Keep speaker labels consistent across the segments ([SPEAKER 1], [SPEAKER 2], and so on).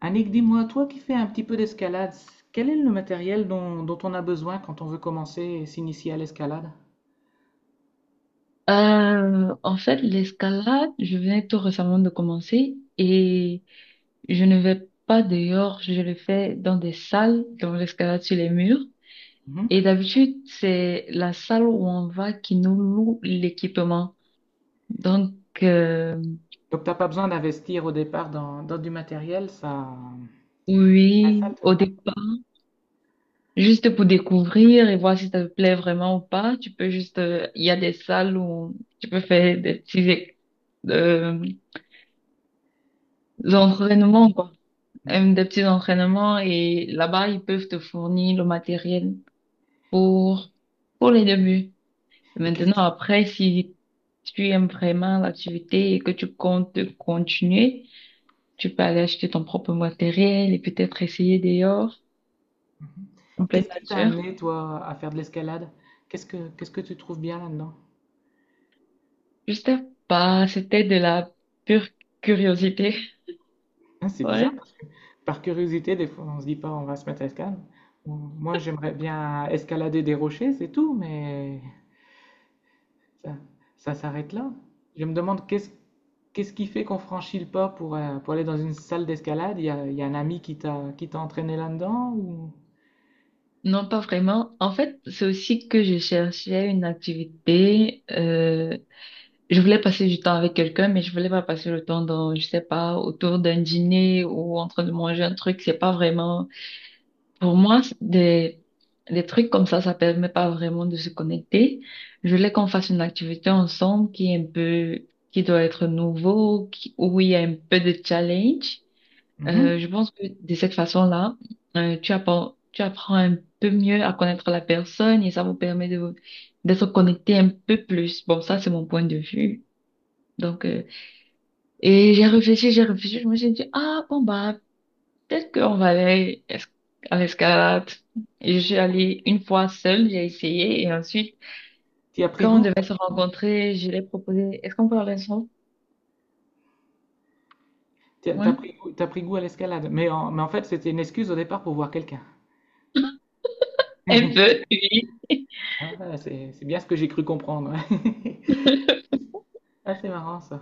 [SPEAKER 1] Annick, dis-moi, toi qui fais un petit peu d'escalade, quel est le matériel dont on a besoin quand on veut commencer et s'initier à l'escalade?
[SPEAKER 2] En fait, l'escalade, je venais tout récemment de commencer et je ne vais pas dehors, je le fais dans des salles, dans l'escalade sur les murs.
[SPEAKER 1] Mhm.
[SPEAKER 2] Et d'habitude, c'est la salle où on va qui nous loue l'équipement. Donc, euh,
[SPEAKER 1] Donc, t'as pas besoin d'investir au départ dans du matériel, ça... Ouais, ça,
[SPEAKER 2] oui, au départ, juste pour découvrir et voir si ça te plaît vraiment ou pas, tu peux juste, il y a des salles où tu peux faire des petits euh, entraînements, quoi.
[SPEAKER 1] le-
[SPEAKER 2] Des petits entraînements et là-bas, ils peuvent te fournir le matériel pour, pour les débuts. Et
[SPEAKER 1] et
[SPEAKER 2] maintenant, après, si tu aimes vraiment l'activité et que tu comptes continuer, tu peux aller acheter ton propre matériel et peut-être essayer dehors, en pleine
[SPEAKER 1] qu'est-ce qui t'a
[SPEAKER 2] nature.
[SPEAKER 1] amené, toi, à faire de l'escalade? Qu'est-ce que tu trouves bien là-dedans?
[SPEAKER 2] Je sais pas, c'était de la pure curiosité.
[SPEAKER 1] Hein, c'est bizarre
[SPEAKER 2] Ouais.
[SPEAKER 1] parce que, par curiosité, des fois, on se dit pas on va se mettre à escalade. Moi, j'aimerais bien escalader des rochers, c'est tout, mais... Ça, ça s'arrête là? Je me demande qu'est-ce qui fait qu'on franchit le pas pour, pour aller dans une salle d'escalade? Il y a un ami qui t'a entraîné là-dedans ou
[SPEAKER 2] Non, pas vraiment. En fait, c'est aussi que je cherchais une activité, je voulais passer du temps avec quelqu'un, mais je voulais pas passer le temps dans, je sais pas, autour d'un dîner ou en train de manger un truc. C'est pas vraiment, pour moi, c'est des trucs comme ça permet pas vraiment de se connecter. Je voulais qu'on fasse une activité ensemble qui est un peu, qui doit être nouveau, où il y a un peu de challenge. Je pense que de cette façon-là, tu apprends un peu mieux à connaître la personne et ça vous permet d'être connecté un peu plus. Bon, ça, c'est mon point de vue. Donc, et j'ai réfléchi, je me suis dit, ah bon bah, peut-être qu'on va à l'escalade. Et je suis allée une fois seule, j'ai essayé, et ensuite,
[SPEAKER 1] tu as pris
[SPEAKER 2] quand on
[SPEAKER 1] goût?
[SPEAKER 2] devait se rencontrer, je l'ai proposé, est-ce qu'on peut aller ensemble?
[SPEAKER 1] T'as
[SPEAKER 2] Ouais.
[SPEAKER 1] pris goût, t'as pris goût à l'escalade. Mais en fait, c'était une excuse au départ pour voir quelqu'un.
[SPEAKER 2] Un peu, oui.
[SPEAKER 1] Ah, c'est bien ce que j'ai cru comprendre, ouais. Ah, c'est marrant ça.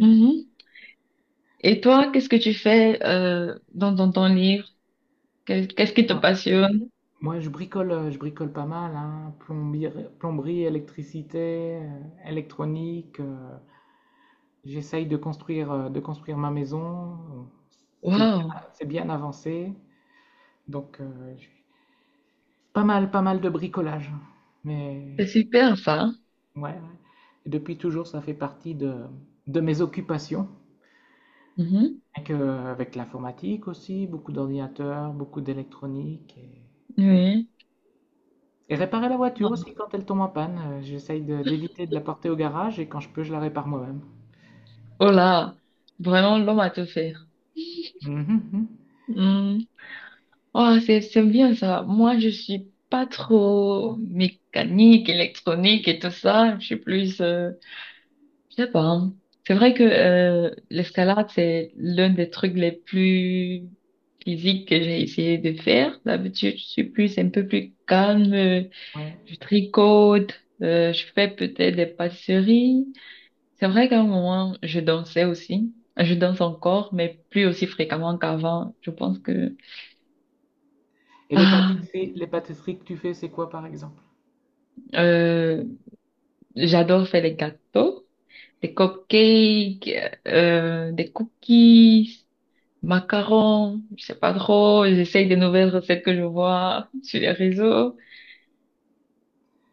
[SPEAKER 2] Mhm. Et toi, qu'est-ce que tu fais dans ton livre? Qu'est-ce qui te
[SPEAKER 1] Moi,
[SPEAKER 2] passionne?
[SPEAKER 1] moi, je bricole pas mal, hein. Plomberie, électricité, électronique. J'essaye de construire ma maison. C'est bien,
[SPEAKER 2] Waouh,
[SPEAKER 1] c'est bien avancé. Donc, j'ai pas mal de bricolage. Mais
[SPEAKER 2] c'est super ça.
[SPEAKER 1] ouais, ouais. Et depuis toujours, ça fait partie de mes occupations.
[SPEAKER 2] Mhm.
[SPEAKER 1] Avec, avec l'informatique aussi, beaucoup d'ordinateurs, beaucoup d'électronique.
[SPEAKER 2] Oui.
[SPEAKER 1] Et réparer la voiture aussi quand elle tombe en panne. J'essaye d'éviter de la porter au garage et quand je peux, je la répare moi-même.
[SPEAKER 2] Oh là, vraiment l'homme à tout faire.
[SPEAKER 1] Mhm, mhm.
[SPEAKER 2] Mhm. Oh, c'est bien ça. Moi, je suis pas trop mécanique, électronique et tout ça. Je suis plus, je sais pas, hein. C'est vrai que l'escalade, c'est l'un des trucs les plus physiques que j'ai essayé de faire. D'habitude, je suis plus un peu plus calme.
[SPEAKER 1] Ouais.
[SPEAKER 2] Je tricote, je fais peut-être des pâtisseries. C'est vrai qu'à un moment, je dansais aussi. Je danse encore, mais plus aussi fréquemment qu'avant. Je pense que
[SPEAKER 1] Et
[SPEAKER 2] ah,
[SPEAKER 1] les pâtisseries que tu fais, c'est quoi par exemple?
[SPEAKER 2] euh, j'adore faire les gâteaux, des cupcakes, des cookies, macarons, je sais pas trop. J'essaye des nouvelles recettes que je vois sur les réseaux,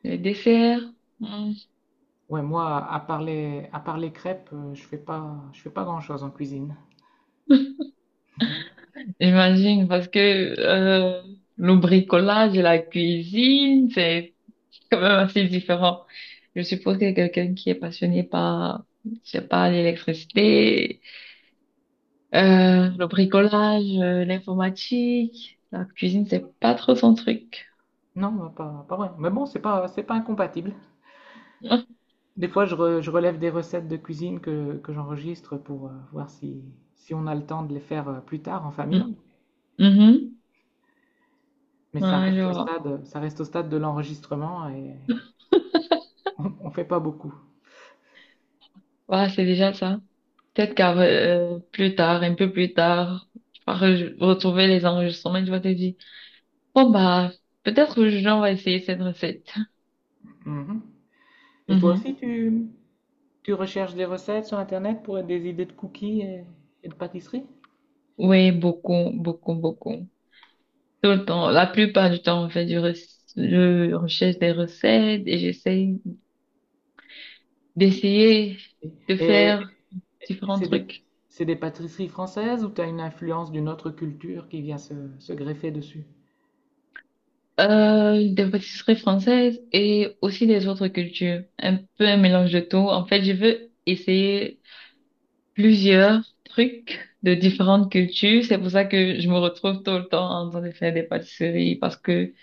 [SPEAKER 2] les desserts. hmm,
[SPEAKER 1] Ouais, moi, à part les crêpes, je fais pas grand-chose en cuisine.
[SPEAKER 2] J'imagine parce que euh, le bricolage et la cuisine, c'est quand même assez différent. Je suppose que quelqu'un qui est passionné par, je sais pas, l'électricité, le bricolage, l'informatique, la cuisine, c'est pas trop son truc.
[SPEAKER 1] Non, pas, pas vrai. Mais bon, c'est pas incompatible.
[SPEAKER 2] Mm.
[SPEAKER 1] Des fois, je relève des recettes de cuisine que j'enregistre pour voir si, si on a le temps de les faire plus tard en famille.
[SPEAKER 2] Mhm.
[SPEAKER 1] Mais ça
[SPEAKER 2] Ouais, je
[SPEAKER 1] reste au
[SPEAKER 2] vois.
[SPEAKER 1] stade, ça reste au stade de l'enregistrement et on fait pas beaucoup.
[SPEAKER 2] Ouais, c'est déjà ça. Peut-être qu'à plus tard, un peu plus tard, tu vas retrouver les enregistrements et tu vas te dire, bon bah, peut-être aujourd'hui on va essayer cette recette.
[SPEAKER 1] Mhm. Et toi
[SPEAKER 2] Mhm.
[SPEAKER 1] aussi, tu recherches des recettes sur Internet pour des idées de cookies et de pâtisseries?
[SPEAKER 2] Oui, beaucoup, beaucoup, beaucoup. Tout le temps, la plupart du temps, on fait du rec- je recherche des recettes et j'essaye d'essayer de
[SPEAKER 1] Et,
[SPEAKER 2] faire différents
[SPEAKER 1] C'est des,
[SPEAKER 2] trucs.
[SPEAKER 1] c'est des pâtisseries françaises ou tu as une influence d'une autre culture qui vient se, se greffer dessus?
[SPEAKER 2] Des pâtisseries françaises et aussi des autres cultures. Un peu un mélange de tout. En fait, je veux essayer plusieurs trucs de différentes cultures. C'est pour ça que je me retrouve tout le temps en train de faire des pâtisseries parce que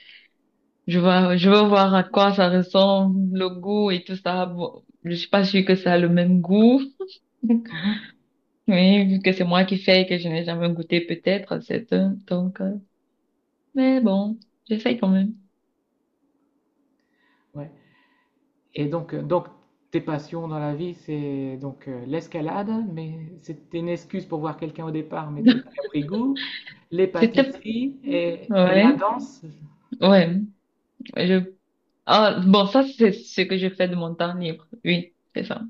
[SPEAKER 2] je veux voir à quoi ça ressemble, le goût et tout ça. Bon, je suis pas sûre que ça a le même goût.
[SPEAKER 1] Mhm.
[SPEAKER 2] Mais vu que c'est moi qui fais et que je n'ai jamais goûté peut-être, c'est un, donc, mais bon, j'essaye quand même.
[SPEAKER 1] Ouais. Et donc, donc, tes passions dans la vie, c'est donc l'escalade, mais c'était une excuse pour voir quelqu'un au départ, mais tu as pris goût, les
[SPEAKER 2] C'était,
[SPEAKER 1] pâtisseries et la
[SPEAKER 2] ouais,
[SPEAKER 1] danse.
[SPEAKER 2] ouais. Je... Ah, bon, ça, c'est ce que je fais de mon temps libre. Oui, c'est ça.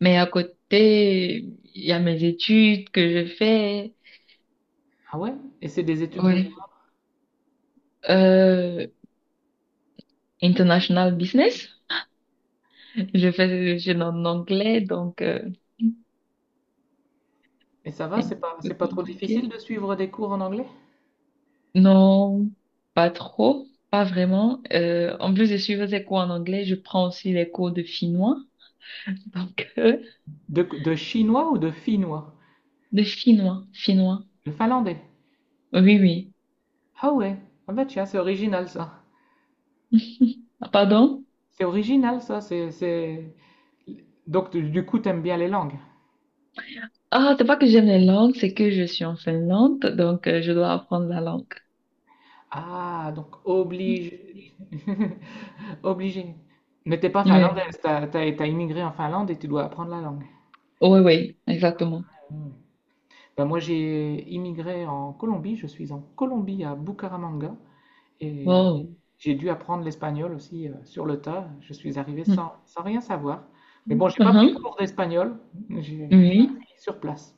[SPEAKER 2] Mais à côté, il y a mes études que je fais.
[SPEAKER 1] Ah ouais? Et c'est des études de
[SPEAKER 2] Oui.
[SPEAKER 1] quoi?
[SPEAKER 2] Euh, international business. Je suis en anglais, donc
[SPEAKER 1] Et ça va,
[SPEAKER 2] c'est un
[SPEAKER 1] c'est
[SPEAKER 2] peu
[SPEAKER 1] pas trop difficile
[SPEAKER 2] compliqué.
[SPEAKER 1] de suivre des cours en anglais?
[SPEAKER 2] Non, pas trop. Pas vraiment. En plus de suivre des cours en anglais, je prends aussi les cours de finnois. Donc,
[SPEAKER 1] De chinois ou de finnois?
[SPEAKER 2] de finnois.
[SPEAKER 1] De finlandais?
[SPEAKER 2] Oui, oui.
[SPEAKER 1] Ah ouais, ah bah tiens, c'est original ça.
[SPEAKER 2] Ah, pardon?
[SPEAKER 1] C'est original ça, c'est... Donc du coup, t'aimes bien les langues.
[SPEAKER 2] Ah, c'est pas que j'aime les langues, c'est que je suis en Finlande, donc je dois apprendre la langue.
[SPEAKER 1] Ah, donc
[SPEAKER 2] Mm.
[SPEAKER 1] obligé. Obligé. Mais t'es pas
[SPEAKER 2] Oui,
[SPEAKER 1] finlandaise, t'as immigré en Finlande et tu dois apprendre la langue.
[SPEAKER 2] oui, oui, exactement.
[SPEAKER 1] Hmm. Ben, moi j'ai immigré en Colombie, je suis en Colombie à Bucaramanga et
[SPEAKER 2] Wow.
[SPEAKER 1] j'ai dû apprendre l'espagnol aussi sur le tas. Je suis arrivé
[SPEAKER 2] Mm.
[SPEAKER 1] sans, sans rien savoir. Mais bon, j'ai pas pris de
[SPEAKER 2] Mhm.
[SPEAKER 1] cours d'espagnol, j'ai
[SPEAKER 2] Oui.
[SPEAKER 1] appris sur place.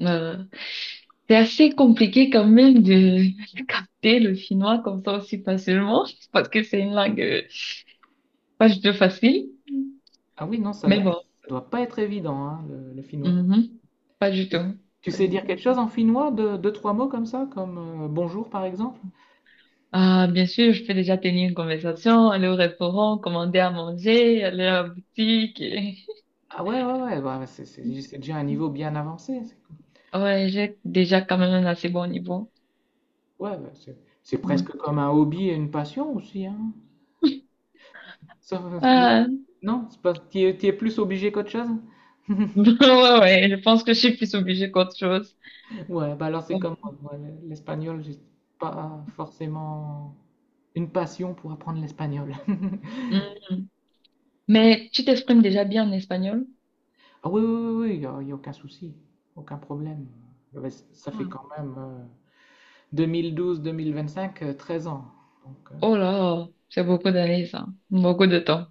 [SPEAKER 2] Euh, c'est assez compliqué quand même de capter le finnois comme ça aussi facilement, parce que c'est une langue pas du tout facile,
[SPEAKER 1] Ah oui, non, ça ne
[SPEAKER 2] mais bon.
[SPEAKER 1] doit pas être évident, hein, le finnois.
[SPEAKER 2] Mhm. Pas du
[SPEAKER 1] Tu,
[SPEAKER 2] tout.
[SPEAKER 1] tu
[SPEAKER 2] Pas
[SPEAKER 1] sais
[SPEAKER 2] du
[SPEAKER 1] dire
[SPEAKER 2] tout.
[SPEAKER 1] quelque chose en finnois, de deux, trois mots comme ça, comme bonjour par exemple?
[SPEAKER 2] Ah, bien sûr, je peux déjà tenir une conversation, aller au restaurant, commander à manger, aller à la boutique. Et...
[SPEAKER 1] Ah ouais, ouais, ouais, bah, c'est déjà un niveau bien avancé.
[SPEAKER 2] Ouais, j'ai déjà quand même un assez bon niveau.
[SPEAKER 1] Ouais, bah, c'est
[SPEAKER 2] Mm.
[SPEAKER 1] presque comme un hobby et une passion aussi, hein. Ça- ou-
[SPEAKER 2] Ah,
[SPEAKER 1] non, c'est pas, t'y es plus obligé qu'autre chose?
[SPEAKER 2] ouais, ouais, je pense que je suis plus obligée qu'autre chose.
[SPEAKER 1] Ouais, bah alors c'est comme
[SPEAKER 2] Bon.
[SPEAKER 1] moi, ouais, l'espagnol, j'ai pas forcément une passion pour apprendre l'espagnol.
[SPEAKER 2] Mm. Mais tu t'exprimes déjà bien en espagnol?
[SPEAKER 1] Ah oui, oui, oui, oui, il y a aucun souci, aucun problème. Ouais, ça fait
[SPEAKER 2] Ah.
[SPEAKER 1] quand même 2012-2025, 13 ans. Donc,
[SPEAKER 2] Oh là, c'est beaucoup d'années, ça. Beaucoup de temps.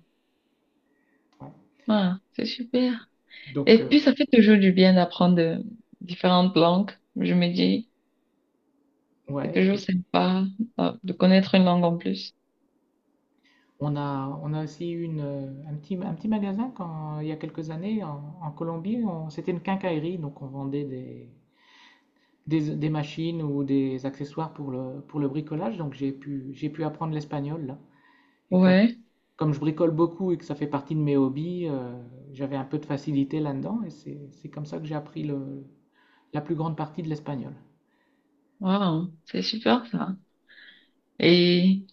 [SPEAKER 1] ouais.
[SPEAKER 2] Ah, c'est super.
[SPEAKER 1] Donc,
[SPEAKER 2] Et puis, ça fait toujours du bien d'apprendre différentes langues. Je me dis, c'est
[SPEAKER 1] ouais.
[SPEAKER 2] toujours
[SPEAKER 1] Et
[SPEAKER 2] sympa de connaître une langue en plus.
[SPEAKER 1] on a aussi eu une, un petit magasin quand, il y a quelques années en Colombie. C'était une quincaillerie, donc on vendait des, des machines ou des accessoires pour le bricolage. Donc j'ai pu apprendre l'espagnol là. Et comme
[SPEAKER 2] Ouais,
[SPEAKER 1] comme je bricole beaucoup et que ça fait partie de mes hobbies, j'avais un peu de facilité là-dedans et c'est comme ça que j'ai appris le, la plus grande partie de l'espagnol.
[SPEAKER 2] wow, c'est super ça. Et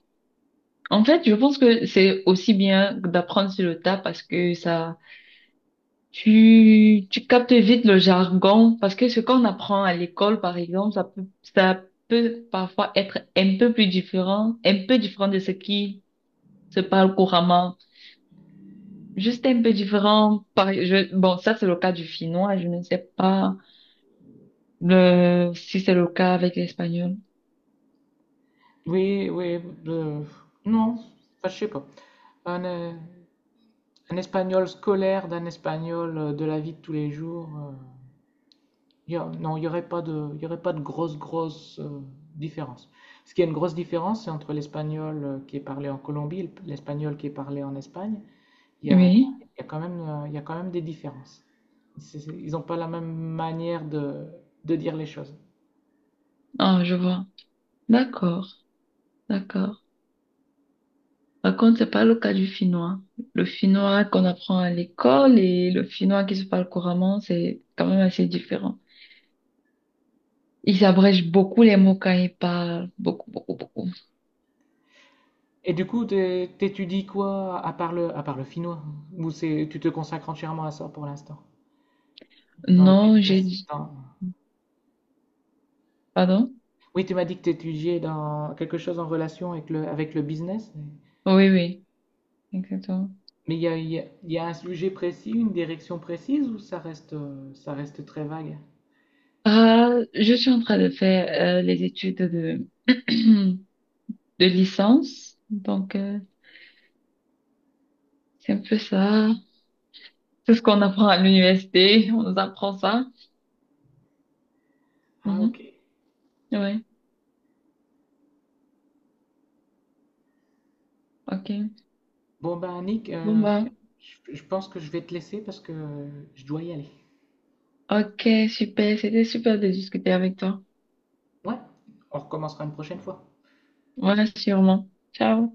[SPEAKER 2] en fait, je pense que c'est aussi bien d'apprendre sur le tas parce que ça, tu captes vite le jargon parce que ce qu'on apprend à l'école, par exemple, ça peut parfois être un peu plus différent, un peu différent de ce qui se parle couramment. Juste un peu différent. Bon, ça, c'est le cas du finnois. Je ne sais pas si c'est le cas avec l'espagnol.
[SPEAKER 1] Oui, oui, euh, non, enfin, je sais pas. Un, euh, un espagnol scolaire d'un espagnol de la vie de tous les jours, non, il n'y aurait pas de, y aurait pas de grosse, grosse différence. Ce qui est une grosse différence, c'est entre l'espagnol qui est parlé en Colombie et l'espagnol qui est parlé en Espagne. Il y a,
[SPEAKER 2] Oui.
[SPEAKER 1] y a quand même, il y a quand même des différences. Ils n'ont pas la même manière de dire les choses.
[SPEAKER 2] Ah, je vois. D'accord. D'accord. Par contre, c'est pas le cas du finnois. Le finnois qu'on apprend à l'école et le finnois qui se parle couramment, c'est quand même assez différent. Ils abrègent beaucoup les mots quand ils parlent. Beaucoup, beaucoup, beaucoup.
[SPEAKER 1] Et du coup, t'étudies quoi à part le finnois? Ou c'est, tu te consacres entièrement à ça pour l'instant? Dans le
[SPEAKER 2] Non, j'ai
[SPEAKER 1] business?
[SPEAKER 2] dit. Pardon?
[SPEAKER 1] Oui, tu m'as dit que tu étudiais dans quelque chose en relation avec le business.
[SPEAKER 2] Oui, oui, exactement.
[SPEAKER 1] Mais il y a un sujet précis, une direction précise ou ça reste très vague?
[SPEAKER 2] Ah, je suis en train de faire les de licence. Donc, c'est un peu ça. C'est ce qu'on apprend à l'université. On nous apprend ça.
[SPEAKER 1] Ah, ok.
[SPEAKER 2] Mhm. Ouais, ok.
[SPEAKER 1] Bon, ben, Nick,
[SPEAKER 2] Bon, bah.
[SPEAKER 1] je pense que je vais te laisser parce que je dois y aller.
[SPEAKER 2] Ok, super. C'était super de discuter avec toi.
[SPEAKER 1] Ouais, on recommencera une prochaine fois.
[SPEAKER 2] Voilà, sûrement. Ciao.